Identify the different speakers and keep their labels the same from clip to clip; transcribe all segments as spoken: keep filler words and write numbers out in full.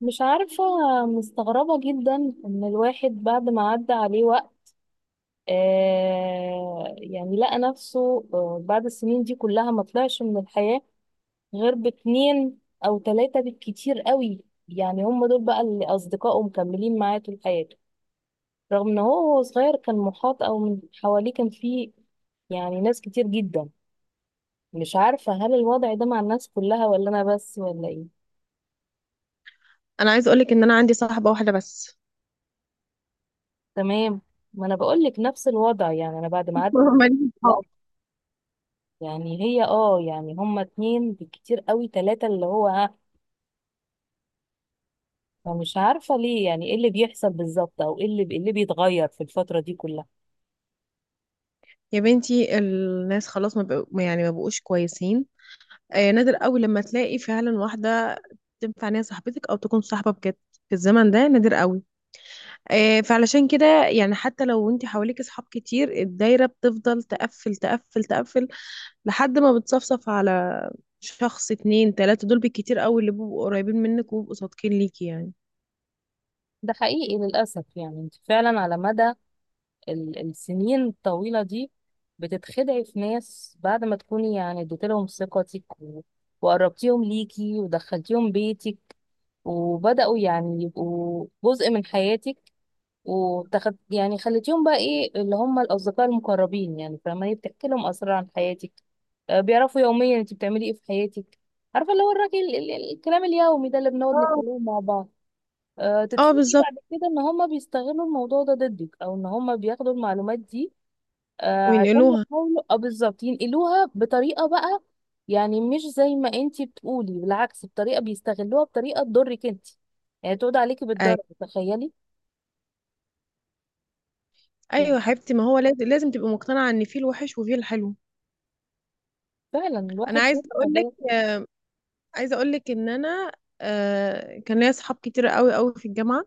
Speaker 1: مش عارفة. مستغربة جدا إن الواحد بعد ما عدى عليه وقت آه يعني لقى نفسه آه بعد السنين دي كلها ما طلعش من الحياة غير باتنين أو تلاتة بالكتير قوي. يعني هم دول بقى اللي أصدقائه مكملين معاه طول حياته، رغم إن هو وهو صغير كان محاط أو من حواليه كان فيه يعني ناس كتير جدا. مش عارفة، هل الوضع ده مع الناس كلها ولا أنا بس ولا إيه؟
Speaker 2: انا عايز اقولك ان انا عندي صاحبه واحده بس.
Speaker 1: تمام. ما أنا بقولك نفس الوضع، يعني أنا بعد ما عدت
Speaker 2: ماليش صحاب.
Speaker 1: يعني هي اه يعني هما اتنين بالكتير قوي تلاتة، اللي هو ها فمش عارفة ليه، يعني ايه اللي بيحصل بالظبط او ايه اللي ايه اللي بيتغير في الفترة دي كلها.
Speaker 2: يا بنتي الناس خلاص ما بقوا يعني ما بقوش كويسين. آه، نادر قوي لما تلاقي فعلا واحده تنفع ان هي صاحبتك او تكون صاحبه بجد، في الزمن ده نادر قوي. آه، فعلشان كده يعني حتى لو انت حواليك اصحاب كتير، الدايره بتفضل تقفل تقفل تقفل لحد ما بتصفصف على شخص، اتنين، تلاته، دول بالكتير قوي اللي بيبقوا قريبين منك وبيبقوا صادقين ليكي يعني.
Speaker 1: ده حقيقي للأسف، يعني انت فعلا على مدى ال- السنين الطويلة دي بتتخدعي في ناس بعد ما تكوني يعني اديت لهم ثقتك و- وقربتيهم ليكي ودخلتيهم بيتك، وبدأوا يعني يبقوا جزء من حياتك، وتاخد يعني خليتيهم بقى ايه، اللي هم الاصدقاء المقربين يعني، فما هي بتحكي لهم اسرار عن حياتك. آه، بيعرفوا يوميا انت بتعملي ايه في حياتك، عارفه اللي هو الراجل ال- ال- الكلام اليومي ده اللي بنقعد
Speaker 2: اه،
Speaker 1: نتكلمه مع بعض. أه
Speaker 2: اه،
Speaker 1: تتفاجئي
Speaker 2: بالظبط.
Speaker 1: بعد كده ان هم بيستغلوا الموضوع ده ضدك، او ان هم بياخدوا المعلومات دي أه عشان
Speaker 2: وينقلوها.
Speaker 1: يحاولوا اه بالظبط ينقلوها بطريقه بقى، يعني مش زي ما انت بتقولي، بالعكس، بطريقه بيستغلوها بطريقه تضرك انت، يعني تقعد عليكي بالضرر، تخيلي.
Speaker 2: ايوه
Speaker 1: يعني
Speaker 2: يا حبيبتي، ما هو لازم لازم تبقى مقتنعه ان في الوحش وفي الحلو.
Speaker 1: فعلا
Speaker 2: انا
Speaker 1: الواحد
Speaker 2: عايزه
Speaker 1: شاف
Speaker 2: اقول لك
Speaker 1: حاجات.
Speaker 2: عايزه اقول لك ان انا آه كان ليا اصحاب كتير قوي قوي في الجامعه.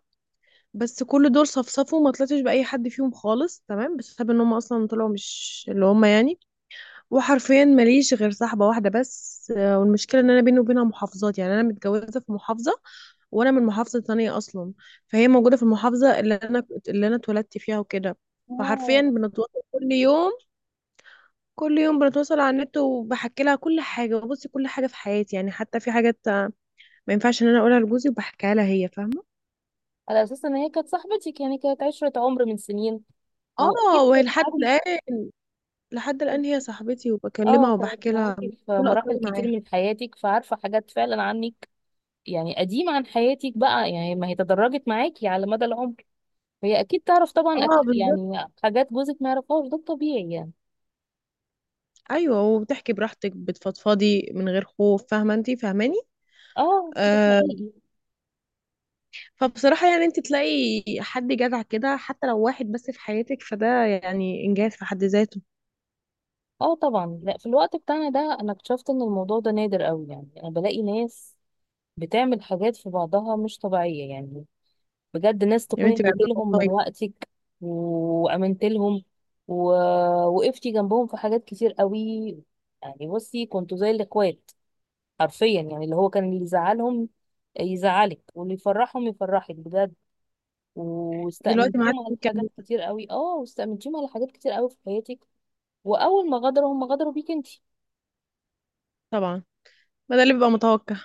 Speaker 2: بس كل دول صفصفوا وما طلعتش باي حد فيهم خالص، تمام، بسبب ان هم اصلا طلعوا مش اللي هم يعني. وحرفيا ماليش غير صاحبه واحده بس، آه والمشكله ان انا بيني وبينها محافظات، يعني انا متجوزه في محافظه وانا من محافظه تانية اصلا. فهي موجوده في المحافظه اللي انا اللي انا اتولدت فيها وكده. فحرفيا
Speaker 1: اه
Speaker 2: بنتواصل كل يوم، كل يوم بنتواصل على النت وبحكي لها كل حاجه وبصي كل حاجه في حياتي، يعني حتى في حاجات ما ينفعش ان انا اقولها لجوزي وبحكيها لها هي فاهمه.
Speaker 1: على اساس ان هي كانت صاحبتي، كان- يعني كانت عشرة عمر من سنين، واكيد
Speaker 2: اه، وهي
Speaker 1: كانت
Speaker 2: لحد
Speaker 1: معاكي
Speaker 2: الان، لحد الان هي
Speaker 1: في-
Speaker 2: صاحبتي
Speaker 1: اه
Speaker 2: وبكلمها
Speaker 1: كانت
Speaker 2: وبحكي لها
Speaker 1: معاكي في
Speaker 2: كل
Speaker 1: مراحل
Speaker 2: اسراري
Speaker 1: كتير
Speaker 2: معاها.
Speaker 1: من حياتك، فعارفة حاجات فعلا عنك، يعني قديمة عن حياتك بقى، يعني ما هي تدرجت معاكي على مدى العمر، فهي اكيد تعرف طبعا
Speaker 2: اه،
Speaker 1: أك...
Speaker 2: بالظبط.
Speaker 1: يعني حاجات جوزك ما يعرفهاش، ده الطبيعي يعني.
Speaker 2: ايوه، وبتحكي براحتك بتفضفضي من غير خوف، فاهمه، انت فاهماني؟
Speaker 1: اه ده
Speaker 2: آه
Speaker 1: حقيقي.
Speaker 2: فبصراحه يعني انت تلاقي حد جدع كده، حتى لو واحد بس في حياتك، فده يعني انجاز في حد ذاته.
Speaker 1: اه طبعا. لا، في الوقت بتاعنا ده انا اكتشفت ان الموضوع ده نادر قوي، يعني انا بلاقي ناس بتعمل حاجات في بعضها مش طبيعية يعني. بجد، ناس
Speaker 2: يا
Speaker 1: تكون
Speaker 2: بنتي بعد
Speaker 1: اديت
Speaker 2: الله
Speaker 1: لهم من
Speaker 2: والله.
Speaker 1: وقتك، وامنت لهم، ووقفتي جنبهم في حاجات كتير قوي، يعني بصي كنتوا زي الاخوات حرفيا، يعني اللي هو كان اللي يزعلهم يزعلك واللي يفرحهم يفرحك بجد،
Speaker 2: دلوقتي ما
Speaker 1: واستأمنتيهم
Speaker 2: عادش
Speaker 1: على حاجات
Speaker 2: بتكلم.
Speaker 1: كتير قوي، اه واستأمنتيهم على حاجات كتير قوي في حياتك، واول ما غدروا هم غدروا بيك انت.
Speaker 2: طبعا، ما ده اللي بيبقى متوقع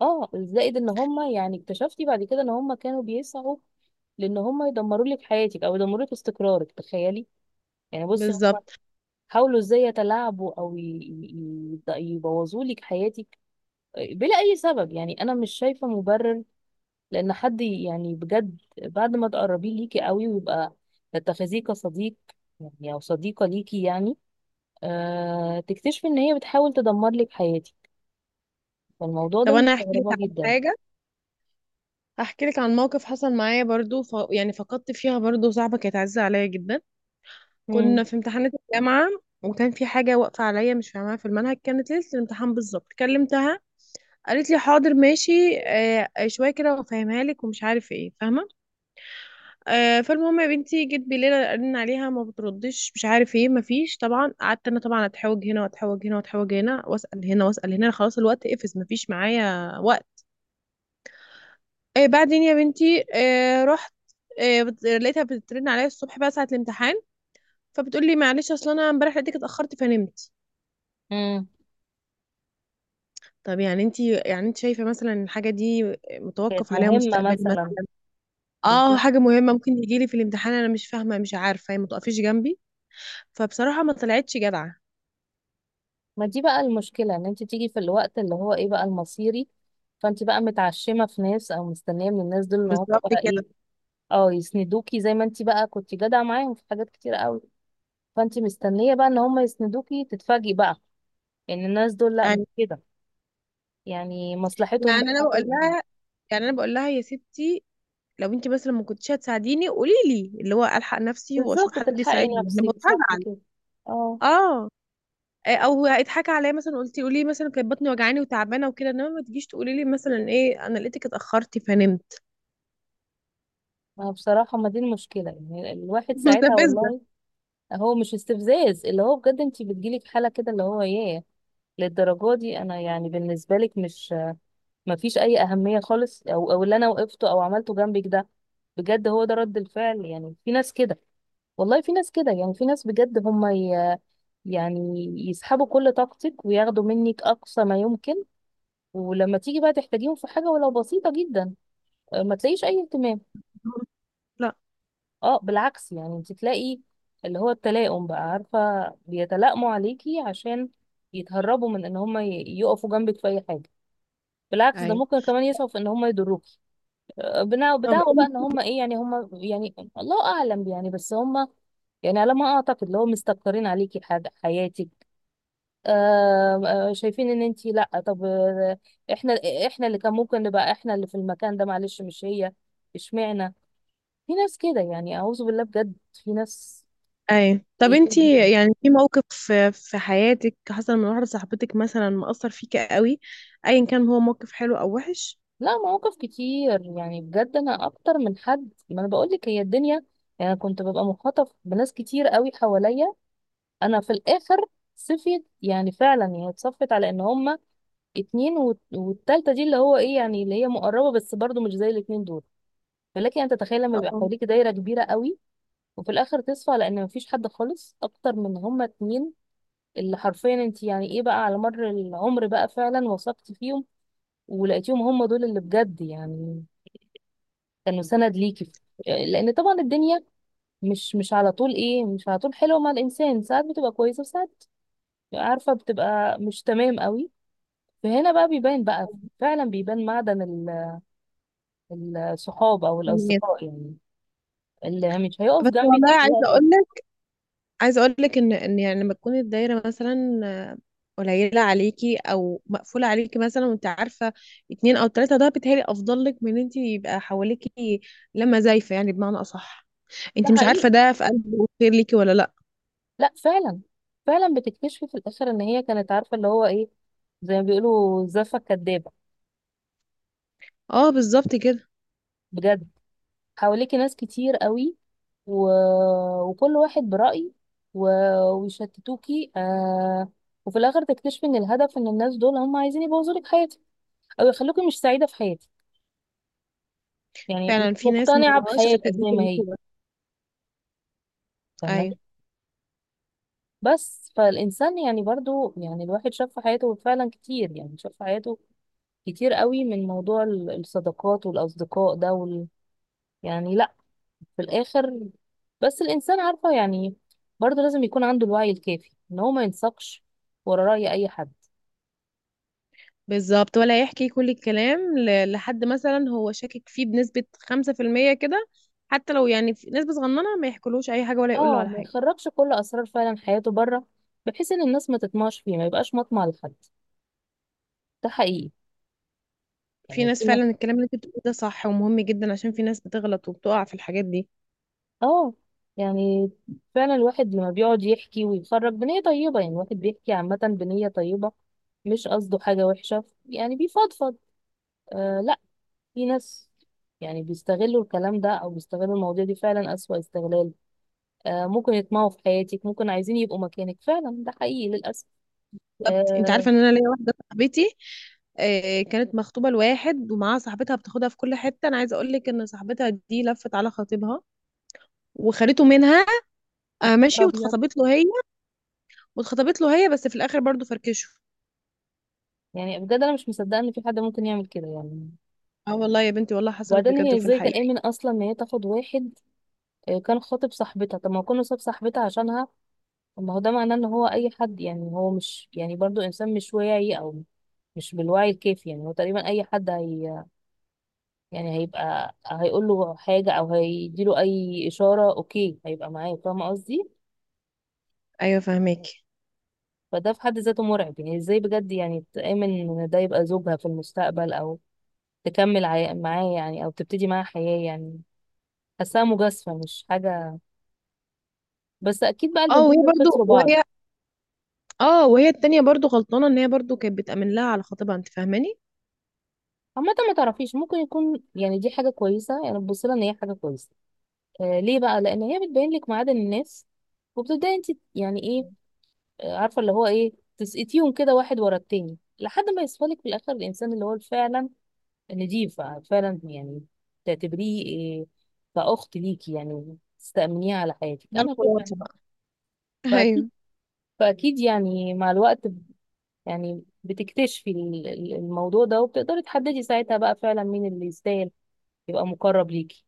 Speaker 1: اه زائد ان هم يعني اكتشفتي بعد كده ان هم كانوا بيسعوا لان هم يدمروا لك حياتك او يدمروا لك استقرارك، تخيلي. يعني بصي هم
Speaker 2: بالظبط.
Speaker 1: حاولوا ازاي يتلاعبوا او ي- ي- ي- يبوظوا لك حياتك بلا اي سبب، يعني انا مش شايفه مبرر لان حد يعني بجد بعد ما تقربيه ليكي قوي ويبقى تتخذيه كصديق يعني، او صديقه ليكي يعني، آه تكتشفي ان هي بتحاول تدمر لك حياتك. فالموضوع ده
Speaker 2: طب انا احكي لك
Speaker 1: مستغربه
Speaker 2: عن
Speaker 1: جدا.
Speaker 2: حاجه، احكي لك عن موقف حصل معايا برضو، ف... يعني فقدت فيها برضو صاحبه كانت عزيزه عليا جدا.
Speaker 1: امم.
Speaker 2: كنا في امتحانات الجامعه، وكان في حاجه واقفه عليا مش فاهماها في المنهج، كانت ليله الامتحان بالظبط كلمتها، قالت لي حاضر ماشي آه آه، شويه كده وافهمها لك ومش عارف ايه، فاهمه. آه فالمهم يا بنتي، جيت بالليل ارن عليها ما بتردش، مش عارف ايه، ما فيش، طبعا قعدت انا طبعا اتحوج هنا واتحوج هنا واتحوج هنا واسال هنا واسال هنا، خلاص الوقت قفز ما فيش معايا وقت. آه بعدين يا بنتي آه رحت، آه بت- لقيتها بترن عليا الصبح بقى ساعة الامتحان، فبتقول لي معلش اصل انا امبارح لقيتك اتأخرت فنمت.
Speaker 1: امم.
Speaker 2: طب يعني انت يعني انت شايفة مثلا إن الحاجة دي
Speaker 1: كانت
Speaker 2: متوقف عليها
Speaker 1: مهمه
Speaker 2: مستقبلي
Speaker 1: مثلا.
Speaker 2: مثلا؟ اه،
Speaker 1: بالظبط.
Speaker 2: حاجة مهمة ممكن يجي لي في الامتحان، انا مش فاهمة، مش عارفة هي ما تقفيش جنبي. فبصراحة ما طلعتش جدعة.
Speaker 1: ما دي بقى المشكله، ان انت تيجي في الوقت اللي هو ايه بقى، المصيري، فانت بقى متعشمه في ناس او مستنيه من الناس دول ان هم
Speaker 2: بالظبط
Speaker 1: بقى
Speaker 2: كده.
Speaker 1: ايه، اه يسندوكي زي ما انت بقى كنت جدعة معاهم في حاجات كتير قوي، فانت مستنية بقى ان هم يسندوكي، تتفاجئي بقى ان الناس دول لا مش
Speaker 2: يعني
Speaker 1: كده. يعني مصلحتهم
Speaker 2: يعني انا
Speaker 1: بقى
Speaker 2: بقول
Speaker 1: إيه؟
Speaker 2: لها يعني انا بقول لها يا ستي، لو انت مثلا ما كنتش هتساعديني قولي لي، اللي هو الحق نفسي واشوف
Speaker 1: بالظبط،
Speaker 2: حد
Speaker 1: تلحقي
Speaker 2: يساعدني، انا
Speaker 1: نفسك،
Speaker 2: بقول
Speaker 1: صح
Speaker 2: هزعل.
Speaker 1: كده. اه.
Speaker 2: اه. آه، او اتحكى عليا مثلا، قلتي قولي لي مثلا كانت بطني وجعاني وتعبانه وكده، انما ما تجيش تقولي لي مثلا ايه، انا لقيتك اتاخرتي فنمت.
Speaker 1: ما بصراحة، ما دي المشكلة يعني، الواحد ساعتها
Speaker 2: مستفزه.
Speaker 1: والله. هو مش استفزاز، اللي هو بجد انت بتجيلك حالة كده، اللي هو ايه، للدرجة دي انا يعني بالنسبة لك مش، مفيش اي اهميه خالص، او او اللي انا وقفته او عملته جنبك ده بجد، هو ده رد الفعل. يعني في ناس كده، والله في ناس كده، يعني في ناس بجد هم ي... يعني يسحبوا كل طاقتك وياخدوا منك اقصى ما يمكن، ولما تيجي بقى تحتاجيهم في حاجه ولو بسيطه جدا، آه، ما تلاقيش اي اهتمام.
Speaker 2: لا،
Speaker 1: اه بالعكس، يعني انت تلاقي اللي هو التلائم بقى عارفه، بيتلائموا عليكي عشان يتهربوا من ان هم ي- يقفوا جنبك في اي حاجه، بالعكس ده
Speaker 2: ايوه.
Speaker 1: ممكن كمان يسعوا في ان هم يضروك، بنا-
Speaker 2: طب
Speaker 1: بدعوى بقى
Speaker 2: انت،
Speaker 1: ان هم ايه يعني، هم يعني الله اعلم يعني، بس هم يعني على ما اعتقد اللي هو مستكترين عليكي حاجه حياتك. آه. آه، شايفين ان انت لا، طب آه، احنا، احنا اللي كان ممكن نبقى احنا اللي في المكان ده، معلش مش هي، اشمعنى. في ناس كده يعني، اعوذ بالله، بجد في ناس
Speaker 2: اي طب
Speaker 1: سيئين جدا.
Speaker 2: انتي يعني في موقف في في حياتك حصل من واحده صاحبتك مثلا مأثر فيكي قوي؟ ايا كان هو موقف حلو او وحش.
Speaker 1: لا، مواقف كتير يعني، بجد انا اكتر من حد، ما انا بقول لك هي الدنيا، يعني أنا كنت ببقى مخاطف بناس كتير قوي حواليا. انا في الاخر صفيت، يعني فعلا يعني اتصفت على ان هما اتنين وت- والتالتة دي اللي هو ايه يعني، اللي هي مقربة بس برضو مش زي الاتنين دول. فلكن انت تتخيل لما يبقى
Speaker 2: أو-
Speaker 1: حواليك دايرة كبيرة قوي، وفي الاخر تصفى على ان مفيش حد خالص اكتر من هما اتنين، اللي حرفيا انت يعني ايه بقى على مر العمر بقى فعلا وثقت فيهم ولقيتيهم هما دول اللي بجد يعني كانوا سند ليكي. لان طبعا الدنيا مش مش على طول ايه، مش على طول حلوه مع الانسان، ساعات بتبقى كويسه وساعات عارفه بتبقى مش تمام قوي، فهنا بقى بيبان بقى، فعلا بيبان معدن ال- الصحاب او
Speaker 2: أو-
Speaker 1: الاصدقاء يعني، اللي مش هيقف
Speaker 2: بس
Speaker 1: جنبك
Speaker 2: والله
Speaker 1: في
Speaker 2: عايزه
Speaker 1: الوقت
Speaker 2: اقول
Speaker 1: ده.
Speaker 2: عايزه اقول لك ان ان يعني لما تكون الدايره مثلا آه، قليله عليكي او مقفوله عليكي مثلا، وانت عارفه اتنين او تلاته، ده بيتهيألي افضل لك من ان انت يبقى حواليكي لما زايفه، يعني بمعنى اصح
Speaker 1: ده
Speaker 2: انت مش عارفه
Speaker 1: حقيقي.
Speaker 2: ده في قلبه خير ليكي ولا لا.
Speaker 1: لا فعلا، فعلا بتكتشفي في الاخر ان هي كانت عارفه اللي هو ايه، زي ما بيقولوا زفه كدابه،
Speaker 2: اه، بالظبط كده.
Speaker 1: بجد. حواليكي ناس كتير قوي و... وكل واحد برأي و... ويشتتوكي آه... وفي الاخر تكتشفي ان الهدف، ان الناس دول هم عايزين يبوظوا لك حياتك، او يخلوكي مش سعيده في حياتك، يعني مش
Speaker 2: فعلا في ناس ما
Speaker 1: مقتنعه
Speaker 2: وراهاش غير
Speaker 1: بحياتك
Speaker 2: اذيه
Speaker 1: زي ما
Speaker 2: الناس
Speaker 1: هي.
Speaker 2: بس.
Speaker 1: فاهمه.
Speaker 2: ايوه.
Speaker 1: بس فالإنسان يعني برضو يعني، الواحد شاف في حياته فعلا كتير، يعني شاف في حياته كتير قوي من موضوع ال- الصداقات والأصدقاء ده وال... يعني لا، في الآخر بس الإنسان عارفة يعني برضو لازم يكون عنده الوعي الكافي إن هو ما ينساقش ورا رأي أي حد.
Speaker 2: بالظبط، ولا يحكي كل الكلام ل- لحد مثلا هو شاكك فيه بنسبه خمسه في الميه كده، حتى لو يعني في نسبه صغننه، ما يحكولوش اي حاجه ولا يقول له
Speaker 1: اه
Speaker 2: على
Speaker 1: ما
Speaker 2: حاجه.
Speaker 1: يخرجش كل أسرار فعلا حياته بره، بحيث إن الناس ما تطمعش فيه، ما يبقاش مطمع لحد. ده حقيقي
Speaker 2: في
Speaker 1: يعني.
Speaker 2: ناس فعلا الكلام اللي انت بتقوله ده صح ومهم جدا، عشان في ناس بتغلط وبتقع في الحاجات دي.
Speaker 1: اه. يعني فعلا الواحد لما بيقعد يحكي ويخرج بنية طيبة، يعني الواحد بيحكي عامة بنية طيبة، مش قصده حاجة وحشة، يعني بيفضفض. آه لا، في ناس يعني بيستغلوا الكلام ده أو بيستغلوا المواضيع دي فعلا أسوأ استغلال. آه ممكن يطمعوا في حياتك، ممكن عايزين يبقوا مكانك، فعلا ده حقيقي للأسف.
Speaker 2: انت
Speaker 1: آه.
Speaker 2: عارفه ان انا ليا واحده صاحبتي آه، كانت مخطوبه لواحد ومعاها صاحبتها بتاخدها في كل حته، انا عايزه اقول لك ان صاحبتها دي لفت على خطيبها وخدته منها.
Speaker 1: مش
Speaker 2: آه، ماشي،
Speaker 1: أبيض.
Speaker 2: واتخطبت له هي واتخطبت له هي بس في الاخر برضو فركشوا.
Speaker 1: يعني بجد أنا مش مصدقة إن في حد ممكن يعمل كده يعني.
Speaker 2: اه، والله يا بنتي والله حصلت
Speaker 1: وبعدين
Speaker 2: بجد،
Speaker 1: هي
Speaker 2: وفي
Speaker 1: ازاي
Speaker 2: الحقيقه.
Speaker 1: تأمن أصلا إن هي تاخد واحد آه، كان خاطب صاحبتها؟ طب ما هو كان صاحب صاحبتها عشانها، طب ما هو ده معناه ان هو اي حد، يعني هو مش يعني برضو انسان مش واعي، او مش بالوعي الكافي، يعني هو تقريبا اي حد هي يعني هيبقى هيقول له حاجه او هيديله اي اشاره اوكي هيبقى معاه، فاهمه قصدي،
Speaker 2: ايوه، فهماكي.
Speaker 1: فده في حد ذاته مرعب، يعني ازاي بجد يعني تامن ان ده يبقى زوجها في المستقبل، او تكمل عي- معاه يعني، او تبتدي معاه حياه يعني. حاساها مجازفه مش حاجه. بس اكيد بقى
Speaker 2: اه وهي
Speaker 1: البنتين دول
Speaker 2: برضو
Speaker 1: خسروا بعض.
Speaker 2: وهي اه وهي التانية برضو غلطانه ان هي برضو كانت بتأمن لها على خطيبها، انت فاهماني؟
Speaker 1: عامة ما تعرفيش ممكن يكون يعني دي حاجة كويسة، يعني تبص لها ان هي حاجة كويسة. آه ليه بقى؟ لان هي بتبين لك معادن الناس، وبتبداي انت يعني ايه، آه، عارفه اللي هو ايه، تسقطيهم كده واحد ورا التاني لحد ما يصفى لك في الاخر الانسان اللي هو فعلا نضيف فعلا يعني، تعتبريه إيه، كاخت ليكي يعني، تستأمنيه على حياتك،
Speaker 2: ده
Speaker 1: انا فعلا.
Speaker 2: الخلاصه بقى.
Speaker 1: فاكيد،
Speaker 2: ايوه.
Speaker 1: فاكيد يعني مع الوقت ب- يعني بتكتشفي ال- ال- الموضوع ده، وبتقدري تحددي ساعتها بقى فعلا مين اللي يستاهل يبقى مقرب ليكي.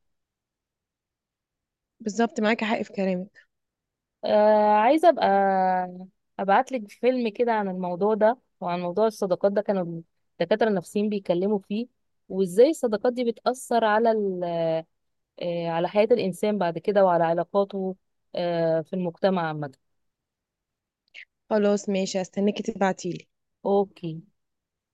Speaker 2: بالظبط، معاكي حق في كلامك.
Speaker 1: آه عايزة أبقى أبعتلك فيلم كده عن الموضوع ده، وعن موضوع الصداقات ده، كانوا الدكاترة النفسيين بيتكلموا فيه، وإزاي الصداقات دي بتأثر على ال، آه على حياة الإنسان بعد كده وعلى علاقاته آه في المجتمع عامة.
Speaker 2: خلاص ماشي، هستناكي تبعتيلي.
Speaker 1: أوكي.